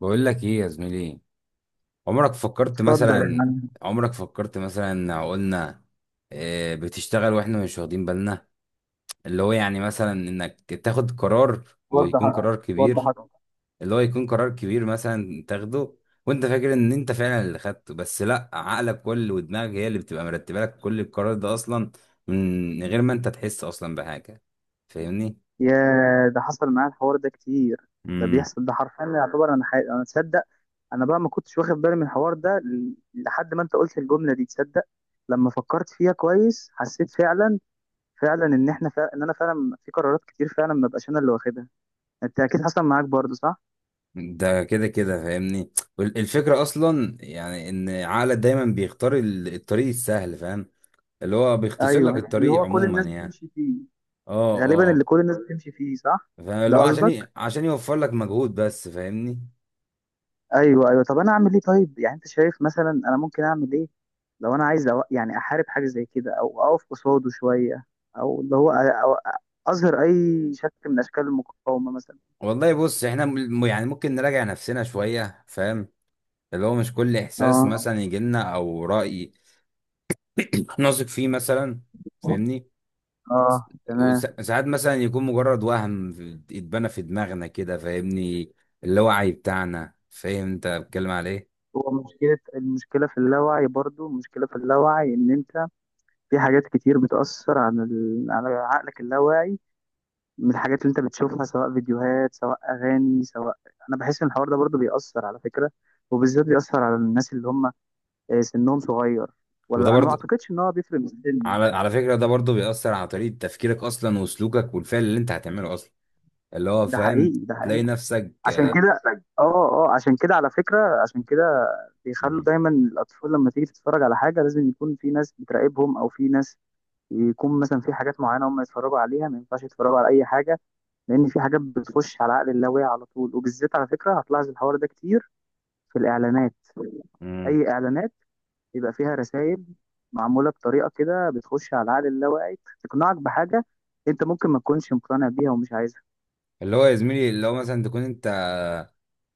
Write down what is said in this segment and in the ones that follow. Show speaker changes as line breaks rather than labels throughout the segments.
بقول لك ايه يا زميلي. عمرك فكرت
اتفضل يا
مثلا
عم.
عمرك فكرت مثلا قلنا، بتشتغل واحنا مش واخدين بالنا. اللي هو يعني مثلا انك تاخد قرار،
وضح،
ويكون قرار
وضح
كبير.
أكتر.
اللي هو يكون قرار كبير مثلا تاخده، وانت فاكر ان انت فعلا اللي خدته، بس لا، عقلك كل ودماغك هي اللي بتبقى مرتبه لك كل القرار ده اصلا، من غير ما انت تحس اصلا بحاجه، فاهمني؟
يا ده حصل معايا الحوار ده كتير. ده بيحصل، ده حرفيا يعتبر انا، تصدق، انا بقى ما كنتش واخد بالي من الحوار ده لحد ما انت قلت الجمله دي. تصدق لما فكرت فيها كويس حسيت فعلا، فعلا ان احنا فعلا، ان انا فعلا في قرارات كتير فعلا ما بقاش انا اللي واخدها. انت اكيد حصل معاك برضه صح؟
ده كده كده، فاهمني؟ وال- الفكرة أصلا يعني إن عقلك دايما بيختار الطريق السهل، فاهم؟ اللي هو بيختصر
ايوه
لك
اللي
الطريق
هو كل
عموما
الناس
يعني.
بتمشي فيه.
اه.
غالبا اللي
اه.
كل الناس بتمشي فيه صح.
فاللي هو
ده قصدك.
عشان يوفر لك مجهود بس، فاهمني؟
ايوه ايوه، طب انا اعمل ايه طيب؟ يعني انت شايف مثلا انا ممكن اعمل ايه لو انا عايز أو يعني احارب حاجه زي كده او اقف قصاده شويه او اللي هو أو اظهر اي شكل من اشكال المقاومه مثلا؟
والله بص، احنا يعني ممكن نراجع نفسنا شوية، فاهم؟ اللي هو مش كل إحساس
اه،
مثلا يجيلنا أو رأي نثق فيه مثلا، فاهمني؟
اه، تمام.
ساعات مثلا يكون مجرد وهم، اتبنى في دماغنا كده، فاهمني؟ اللاوعي بتاعنا، فاهم انت بتكلم على ايه؟
هو مشكله، المشكله في اللاوعي برضو، المشكله في اللاوعي ان انت في حاجات كتير على عقلك اللاواعي. من الحاجات اللي انت بتشوفها سواء فيديوهات سواء اغاني سواء، انا بحس ان الحوار ده برضو بيأثر على فكره. وبالذات بيأثر على الناس اللي هم، سنهم صغير.
وده
ولا انا ما
برضه،
اعتقدش ان هو بيفرق من السن
على
صح؟
فكرة ده برضه بيأثر على طريقة تفكيرك أصلا وسلوكك والفعل اللي أنت هتعمله أصلا، اللي هو
ده
فاهم.
حقيقي، ده
تلاقي
حقيقي.
نفسك.
عشان كده، اه اه عشان كده على فكره، عشان كده بيخلوا
مم.
دايما الاطفال لما تيجي تتفرج على حاجه لازم يكون في ناس بتراقبهم او في ناس، يكون مثلا في حاجات معينه هم يتفرجوا عليها، ما ينفعش يتفرجوا على اي حاجه. لان في حاجات بتخش على عقل اللاواعي على طول. وبالذات على فكره هتلاحظ الحوار ده كتير في الاعلانات.
مم.
اي اعلانات بيبقى فيها رسائل معمولة بطريقة كده بتخش على العقل اللاواعي، تقنعك بحاجة انت ممكن ما تكونش مقتنع بيها ومش عايزها.
اللي هو يا زميلي، اللي هو مثلا تكون أنت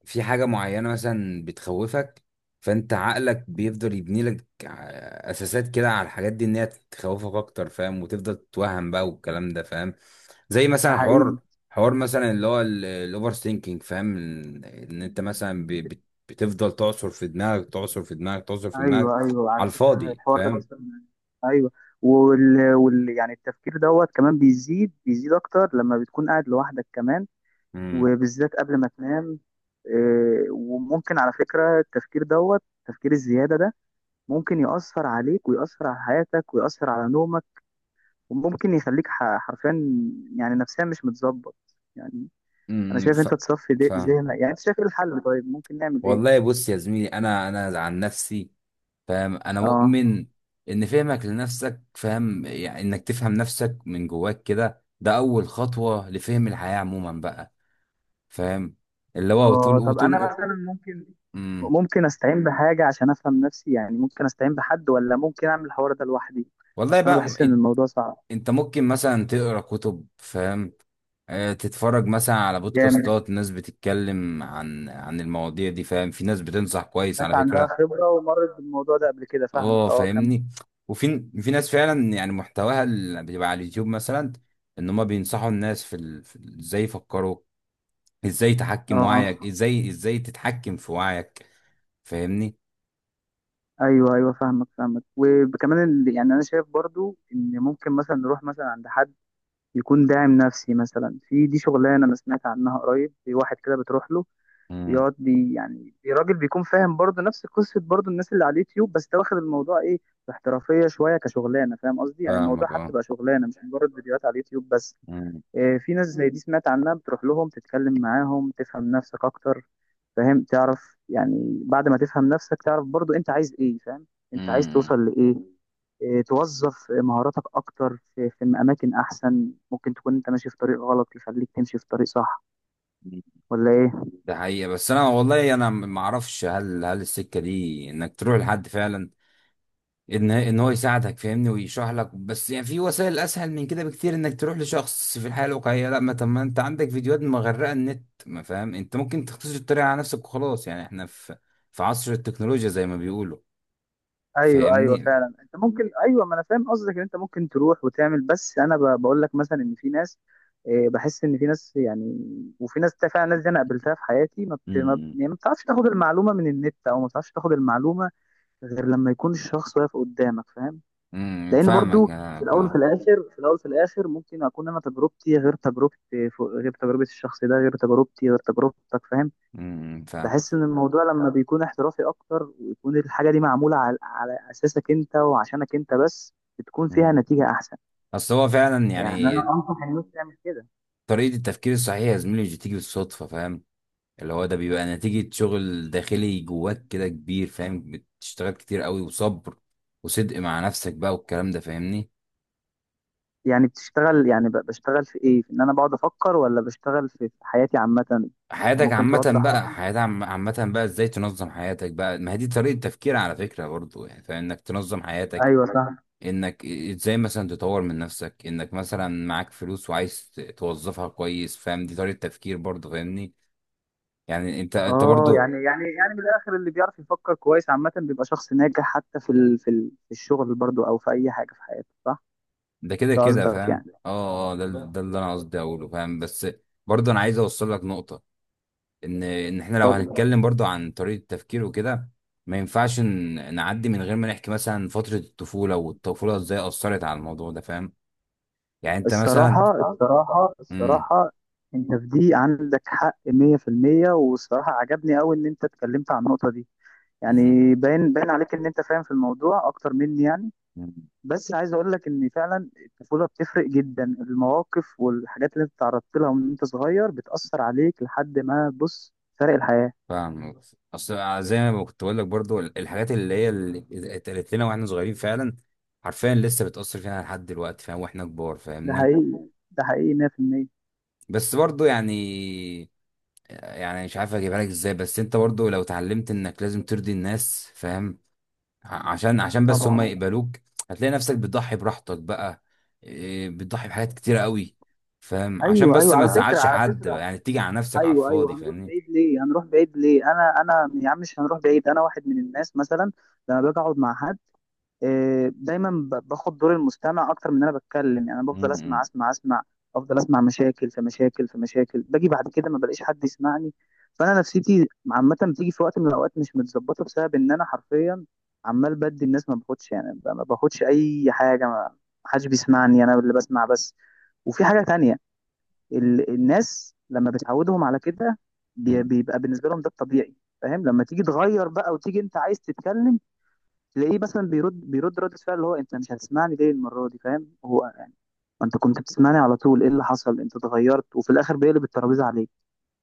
في حاجة معينة مثلا بتخوفك، فأنت عقلك بيفضل يبني لك أساسات كده على الحاجات دي، إن هي تخوفك أكتر، فاهم؟ وتفضل تتوهم بقى والكلام ده، فاهم؟ زي
ده
مثلا
حقيقي.
حوار مثلا اللي هو الاوفر ثينكينج، فاهم؟ ان إن انت مثلا بتفضل تعصر في دماغك، تعصر في دماغك، تعصر في دماغك
ايوه ايوه
على
على فكرة
الفاضي،
الحوار ده،
فاهم؟
بس ايوه، يعني التفكير دوت كمان بيزيد، بيزيد اكتر لما بتكون قاعد لوحدك كمان.
امم
وبالذات قبل ما تنام. وممكن على فكرة التفكير دوت التفكير الزيادة ده ممكن يأثر عليك ويأثر على حياتك ويأثر على نومك. وممكن يخليك حرفيا يعني نفسيا مش متظبط يعني. انا
امم
شايف
ف...
انت تصفي
فاهم.
ذهنك. يعني انت شايف ايه الحل؟ طيب ممكن نعمل ايه؟
والله بص يا زميلي، انا عن نفسي، فاهم، انا
اه،
مؤمن ان فهمك لنفسك، فاهم، يعني انك تفهم نفسك من جواك كده، ده اول خطوة لفهم الحياة عموما بقى، فاهم؟ اللي هو وطول
اه. طب انا
وطول.
مثلا ممكن،
امم
ممكن استعين بحاجه عشان افهم نفسي؟ يعني ممكن استعين بحد ولا ممكن اعمل الحوار ده لوحدي؟
والله
اصل انا
بقى،
بحس ان الموضوع صعب.
انت ممكن مثلا تقرا كتب، فاهم؟ تتفرج مثلا على
جامد.
بودكاستات ناس بتتكلم عن المواضيع دي، فاهم؟ في ناس بتنصح كويس
ناس
على
عندها
فكرة.
خبره ومرت بالموضوع ده قبل كده. فاهمك،
اه.
اه كمل.
فاهمني؟ وفي في ناس فعلا يعني محتواها اللي بيبقى على اليوتيوب مثلا، ان هم بينصحوا الناس ازاي يفكروا، ازاي تحكم
اه.
وعيك، ازاي تتحكم في وعيك، فاهمني؟
ايوه ايوه فاهمك، فاهمك. وكمان يعني انا شايف برضو ان ممكن مثلا نروح مثلا عند حد يكون داعم نفسي مثلا. في دي شغلانه انا سمعت عنها قريب، في واحد كده بتروح له
امم
بيقعد راجل بيكون فاهم برضه نفس قصه برضه الناس اللي على اليوتيوب، بس ده واخد الموضوع ايه، باحترافيه شويه كشغلانه. فاهم قصدي؟ يعني الموضوع
فاهمك.
حتى
اه.
بقى شغلانه مش مجرد فيديوهات على اليوتيوب بس. في ناس زي دي سمعت عنها بتروح لهم تتكلم معاهم تفهم نفسك اكتر. فاهم؟ تعرف يعني بعد ما تفهم نفسك تعرف برضو انت عايز ايه. فاهم؟ انت عايز
امم
توصل لايه. توظف مهاراتك اكتر في في اماكن احسن. ممكن تكون انت ماشي في طريق غلط يخليك تمشي في طريق صح، ولا ايه؟
ده حقيقة، بس انا والله انا ما اعرفش هل السكة دي انك تروح لحد فعلا، ان هو يساعدك، فاهمني، ويشرح لك، بس يعني في وسائل اسهل من كده بكتير انك تروح لشخص في الحياة الواقعية، لا، ما طب ما انت عندك فيديوهات مغرقة النت، ما فاهم، انت ممكن تختصر الطريقة على نفسك وخلاص، يعني احنا في في عصر التكنولوجيا زي ما بيقولوا.
ايوه ايوه
فاهمني؟
فعلا انت ممكن، ايوه، ما انا فاهم قصدك ان انت ممكن تروح وتعمل. بس انا بقول لك مثلا ان في ناس، بحس ان في ناس يعني، وفي فعلا ناس دي انا قابلتها في حياتي ما بت... ما, بت-
امم
يعني ما بتعرفش تاخد المعلومه من النت او ما بتعرفش تاخد المعلومه غير لما يكون الشخص واقف قدامك. فاهم؟ لان
فاهمك.
برضو في
اه.
الاول وفي
آه.
الاخر، في الاول وفي الاخر ممكن اكون انا تجربتي غير، تجربتي غير تجربه الشخص ده، غير تجربتي غير تجربتك. فاهم؟
فاهم.
بحس ان الموضوع لما بيكون احترافي اكتر ويكون الحاجه دي معموله على، على اساسك انت وعشانك انت بس، بتكون
مم.
فيها نتيجه احسن.
اصل هو فعلا
يعني
يعني،
انا انصح الناس تعمل كده.
طريقة التفكير الصحيح يا زميلي مش بتيجي بالصدفة، فاهم؟ اللي هو ده بيبقى نتيجة شغل داخلي جواك كده كبير، فاهم، بتشتغل كتير قوي وصبر وصدق مع نفسك بقى والكلام ده، فاهمني؟
يعني بتشتغل، يعني بشتغل في ايه؟ في ان انا بقعد افكر ولا بشتغل في في حياتي عامه؟
حياتك
ممكن
عامة
توضح
بقى،
اصلا.
عامة بقى، ازاي تنظم حياتك بقى، ما هي دي طريقة تفكير على فكرة برضو، يعني فاهم، انك تنظم حياتك،
ايوه صح.
انك ازاي مثلا تطور من نفسك، انك مثلا معاك فلوس وعايز توظفها كويس، فاهم؟ دي طريقة تفكير برضو، فاهمني. يعني انت
اه،
برضو،
يعني، يعني، يعني من الاخر اللي بيعرف يفكر كويس عامه بيبقى شخص ناجح حتى في الشغل برضو او في اي حاجه في حياته، صح؟
ده كده
ده
كده،
قصدك
فاهم.
يعني.
اه. اه. ده اللي انا قصدي اقوله، فاهم. بس برضو، انا عايز اوصل لك نقطة، ان احنا لو
اتفضل.
هنتكلم برضو عن طريقه التفكير وكده، ما ينفعش نعدي من غير ما نحكي مثلا فتره الطفوله، والطفوله ازاي اثرت على الموضوع ده، فاهم؟ يعني انت مثلا.
الصراحة، الصراحة،
امم
الصراحة انت في دي عندك حق 100%. والصراحة عجبني قوي ان انت اتكلمت عن النقطة دي.
امم
يعني باين، باين عليك ان انت فاهم في الموضوع اكتر مني يعني.
أمم،
بس عايز اقول لك ان فعلا الطفولة بتفرق جدا. المواقف والحاجات اللي انت تعرضت لها وانت صغير بتأثر عليك لحد ما، بص، فرق الحياة.
فاهم. اصل زي ما كنت بقول لك برضو، الحاجات اللي هي اللي اتقالت لنا واحنا صغيرين فعلا، حرفيا لسه بتاثر فينا لحد دلوقتي، فاهم؟ واحنا كبار،
ده
فاهمني؟
حقيقي، ده حقيقي 100%.
بس برضو يعني، يعني مش عارف اجيبها لك ازاي، بس انت برضو لو اتعلمت انك لازم ترضي الناس، فاهم، عشان بس هم
طبعا.
يقبلوك، هتلاقي نفسك بتضحي براحتك بقى، إيه، بتضحي بحاجات كتيرة قوي، فاهم؟ عشان
ايوه
بس
ايوه
ما
على فكرة،
تزعلش
على
حد بقى،
فكرة
يعني تيجي على نفسك على
ايوه ايوه.
الفاضي،
هنروح
فاهمني؟
بعيد ليه؟ هنروح بعيد ليه؟ انا انا يا عم مش هنروح بعيد. انا واحد من الناس مثلا لما باجي اقعد مع حد، دايما باخد دور المستمع اكتر من إن انا بتكلم. يعني انا بفضل اسمع،
مم.
اسمع، اسمع. افضل اسمع مشاكل في مشاكل في مشاكل. باجي بعد كده ما بلاقيش حد يسمعني. فانا نفسيتي عامه بتيجي في وقت من الاوقات مش متظبطه بسبب ان انا حرفيا عمال بدي الناس، ما باخدش يعني، ما باخدش اي حاجه. ما حدش بيسمعني، انا اللي بسمع بس. وفي حاجه تانية، الناس لما بتعودهم على كده
مم.
بيبقى بالنسبه لهم ده الطبيعي. فاهم؟ لما تيجي تغير بقى وتيجي انت عايز تتكلم، تلاقيه مثلا بيرد، بيرد رد فعل اللي هو انت مش هتسمعني ليه المره دي. فاهم هو يعني ما انت كنت بتسمعني على طول، ايه اللي حصل، انت اتغيرت. وفي الاخر بيقلب الترابيزه عليك.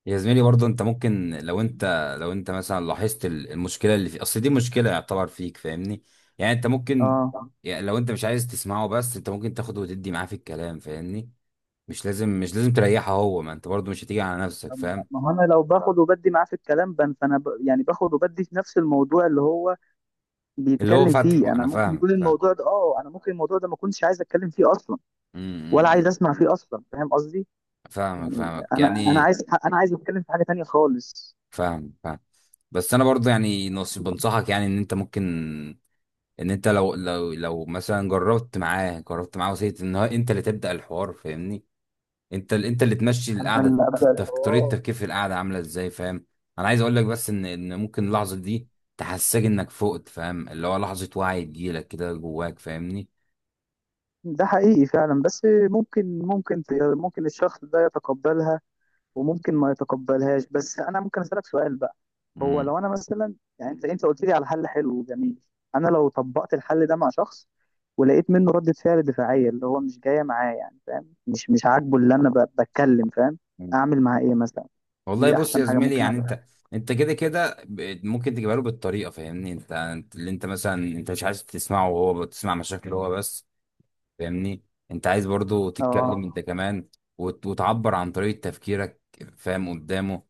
يا زميلي برضه انت ممكن لو انت مثلا لاحظت المشكله اللي في اصل دي مشكله، يعتبر فيك، فاهمني؟ يعني انت ممكن،
اه.
يعني لو انت مش عايز تسمعه، بس انت ممكن تاخده وتدي معاه في الكلام، فاهمني؟ مش لازم، مش لازم تريحه هو، ما انت برضه مش هتيجي على نفسك،
طب،
فاهم؟
ما هو انا لو باخد وبدي معاه في الكلام، يعني باخد وبدي في نفس الموضوع اللي هو
اللي هو
بيتكلم فيه.
فتحه
انا
انا،
ممكن
فاهمك،
يكون
فاهم.
الموضوع ده، اه انا ممكن الموضوع ده ما كنتش عايز اتكلم فيه اصلا، ولا عايز
مم.
اسمع فيه اصلا. فاهم قصدي
فاهمك،
يعني؟
فاهمك،
انا انا
يعني
عايز، انا عايز اتكلم في حاجه تانية خالص.
فاهم، فاهم. بس انا برضه يعني نص بنصحك، يعني ان انت ممكن، ان انت لو مثلا جربت معاه وسيت ان هو انت اللي تبدأ الحوار، فاهمني، انت انت اللي تمشي
انا
القعده،
اللي ابدا
طريقه
الحوار.
التفكير في القعده عامله ازاي، فاهم؟ انا عايز اقول لك بس ان ممكن اللحظه دي تحسسك انك فقت، فاهم، اللي هو لحظه وعي تجيلك كده جواك، فاهمني؟
ده حقيقي فعلا. بس ممكن، ممكن، ممكن الشخص ده يتقبلها وممكن ما يتقبلهاش. بس انا ممكن اسالك سؤال بقى؟ هو لو انا مثلا، يعني انت، انت قلت لي على حل حلو وجميل، انا لو طبقت الحل ده مع شخص ولقيت منه ردة فعل دفاعية اللي هو مش جاية معاه، يعني فاهم مش، مش عاجبه اللي انا بتكلم، فاهم،
امم
اعمل معاه ايه مثلا؟
والله
دي
بص
احسن
يا
حاجة
زميلي،
ممكن
يعني
اعملها.
انت كده كده، ممكن تجيبها له بالطريقه، فاهمني. اللي انت مثلا، انت مش عايز تسمعه وهو بتسمع مشاكله هو بس، فاهمني. انت عايز برضو تتكلم
اه.
انت كمان، وتعبر عن طريقه تفكيرك، فاهم، قدامه.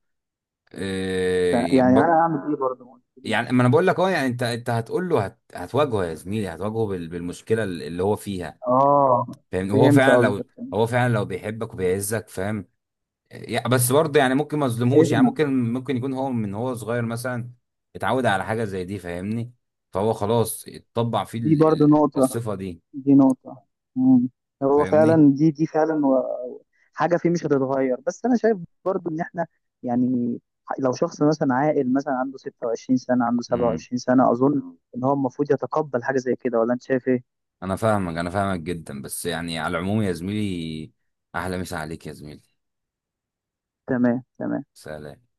اه.
يعني انا اعمل ايه برضه؟ ما
يعني
قلتليش.
ما انا بقول لك، اه، يعني انت، انت هتقول له، هتواجهه يا زميلي، هتواجهه بالمشكله اللي هو فيها،
اه،
فاهمني، وهو
فهمت
فعلا،
قصدك،
لو هو
فهمت.
فعلا لو بيحبك وبيعزك، فاهم. بس برضه يعني ممكن ما اظلمهوش، يعني
اسمع،
ممكن يكون هو من هو صغير مثلا اتعود على حاجه زي دي، فاهمني، فهو خلاص اتطبع فيه
دي برضو نقطة،
الصفه دي،
دي نقطة. مم. هو
فاهمني.
فعلا دي، دي فعلا حاجة فيه مش هتتغير. بس أنا شايف برضو إن إحنا يعني، لو شخص مثلا عاقل مثلا عنده 26 سنة، عنده
امم
27 سنة، أظن إن هو المفروض يتقبل حاجة زي كده، ولا أنت شايف إيه؟
انا فاهمك جدا، بس يعني على العموم يا زميلي، احلى مسا عليك يا زميلي.
تمام، تمام.
سلام.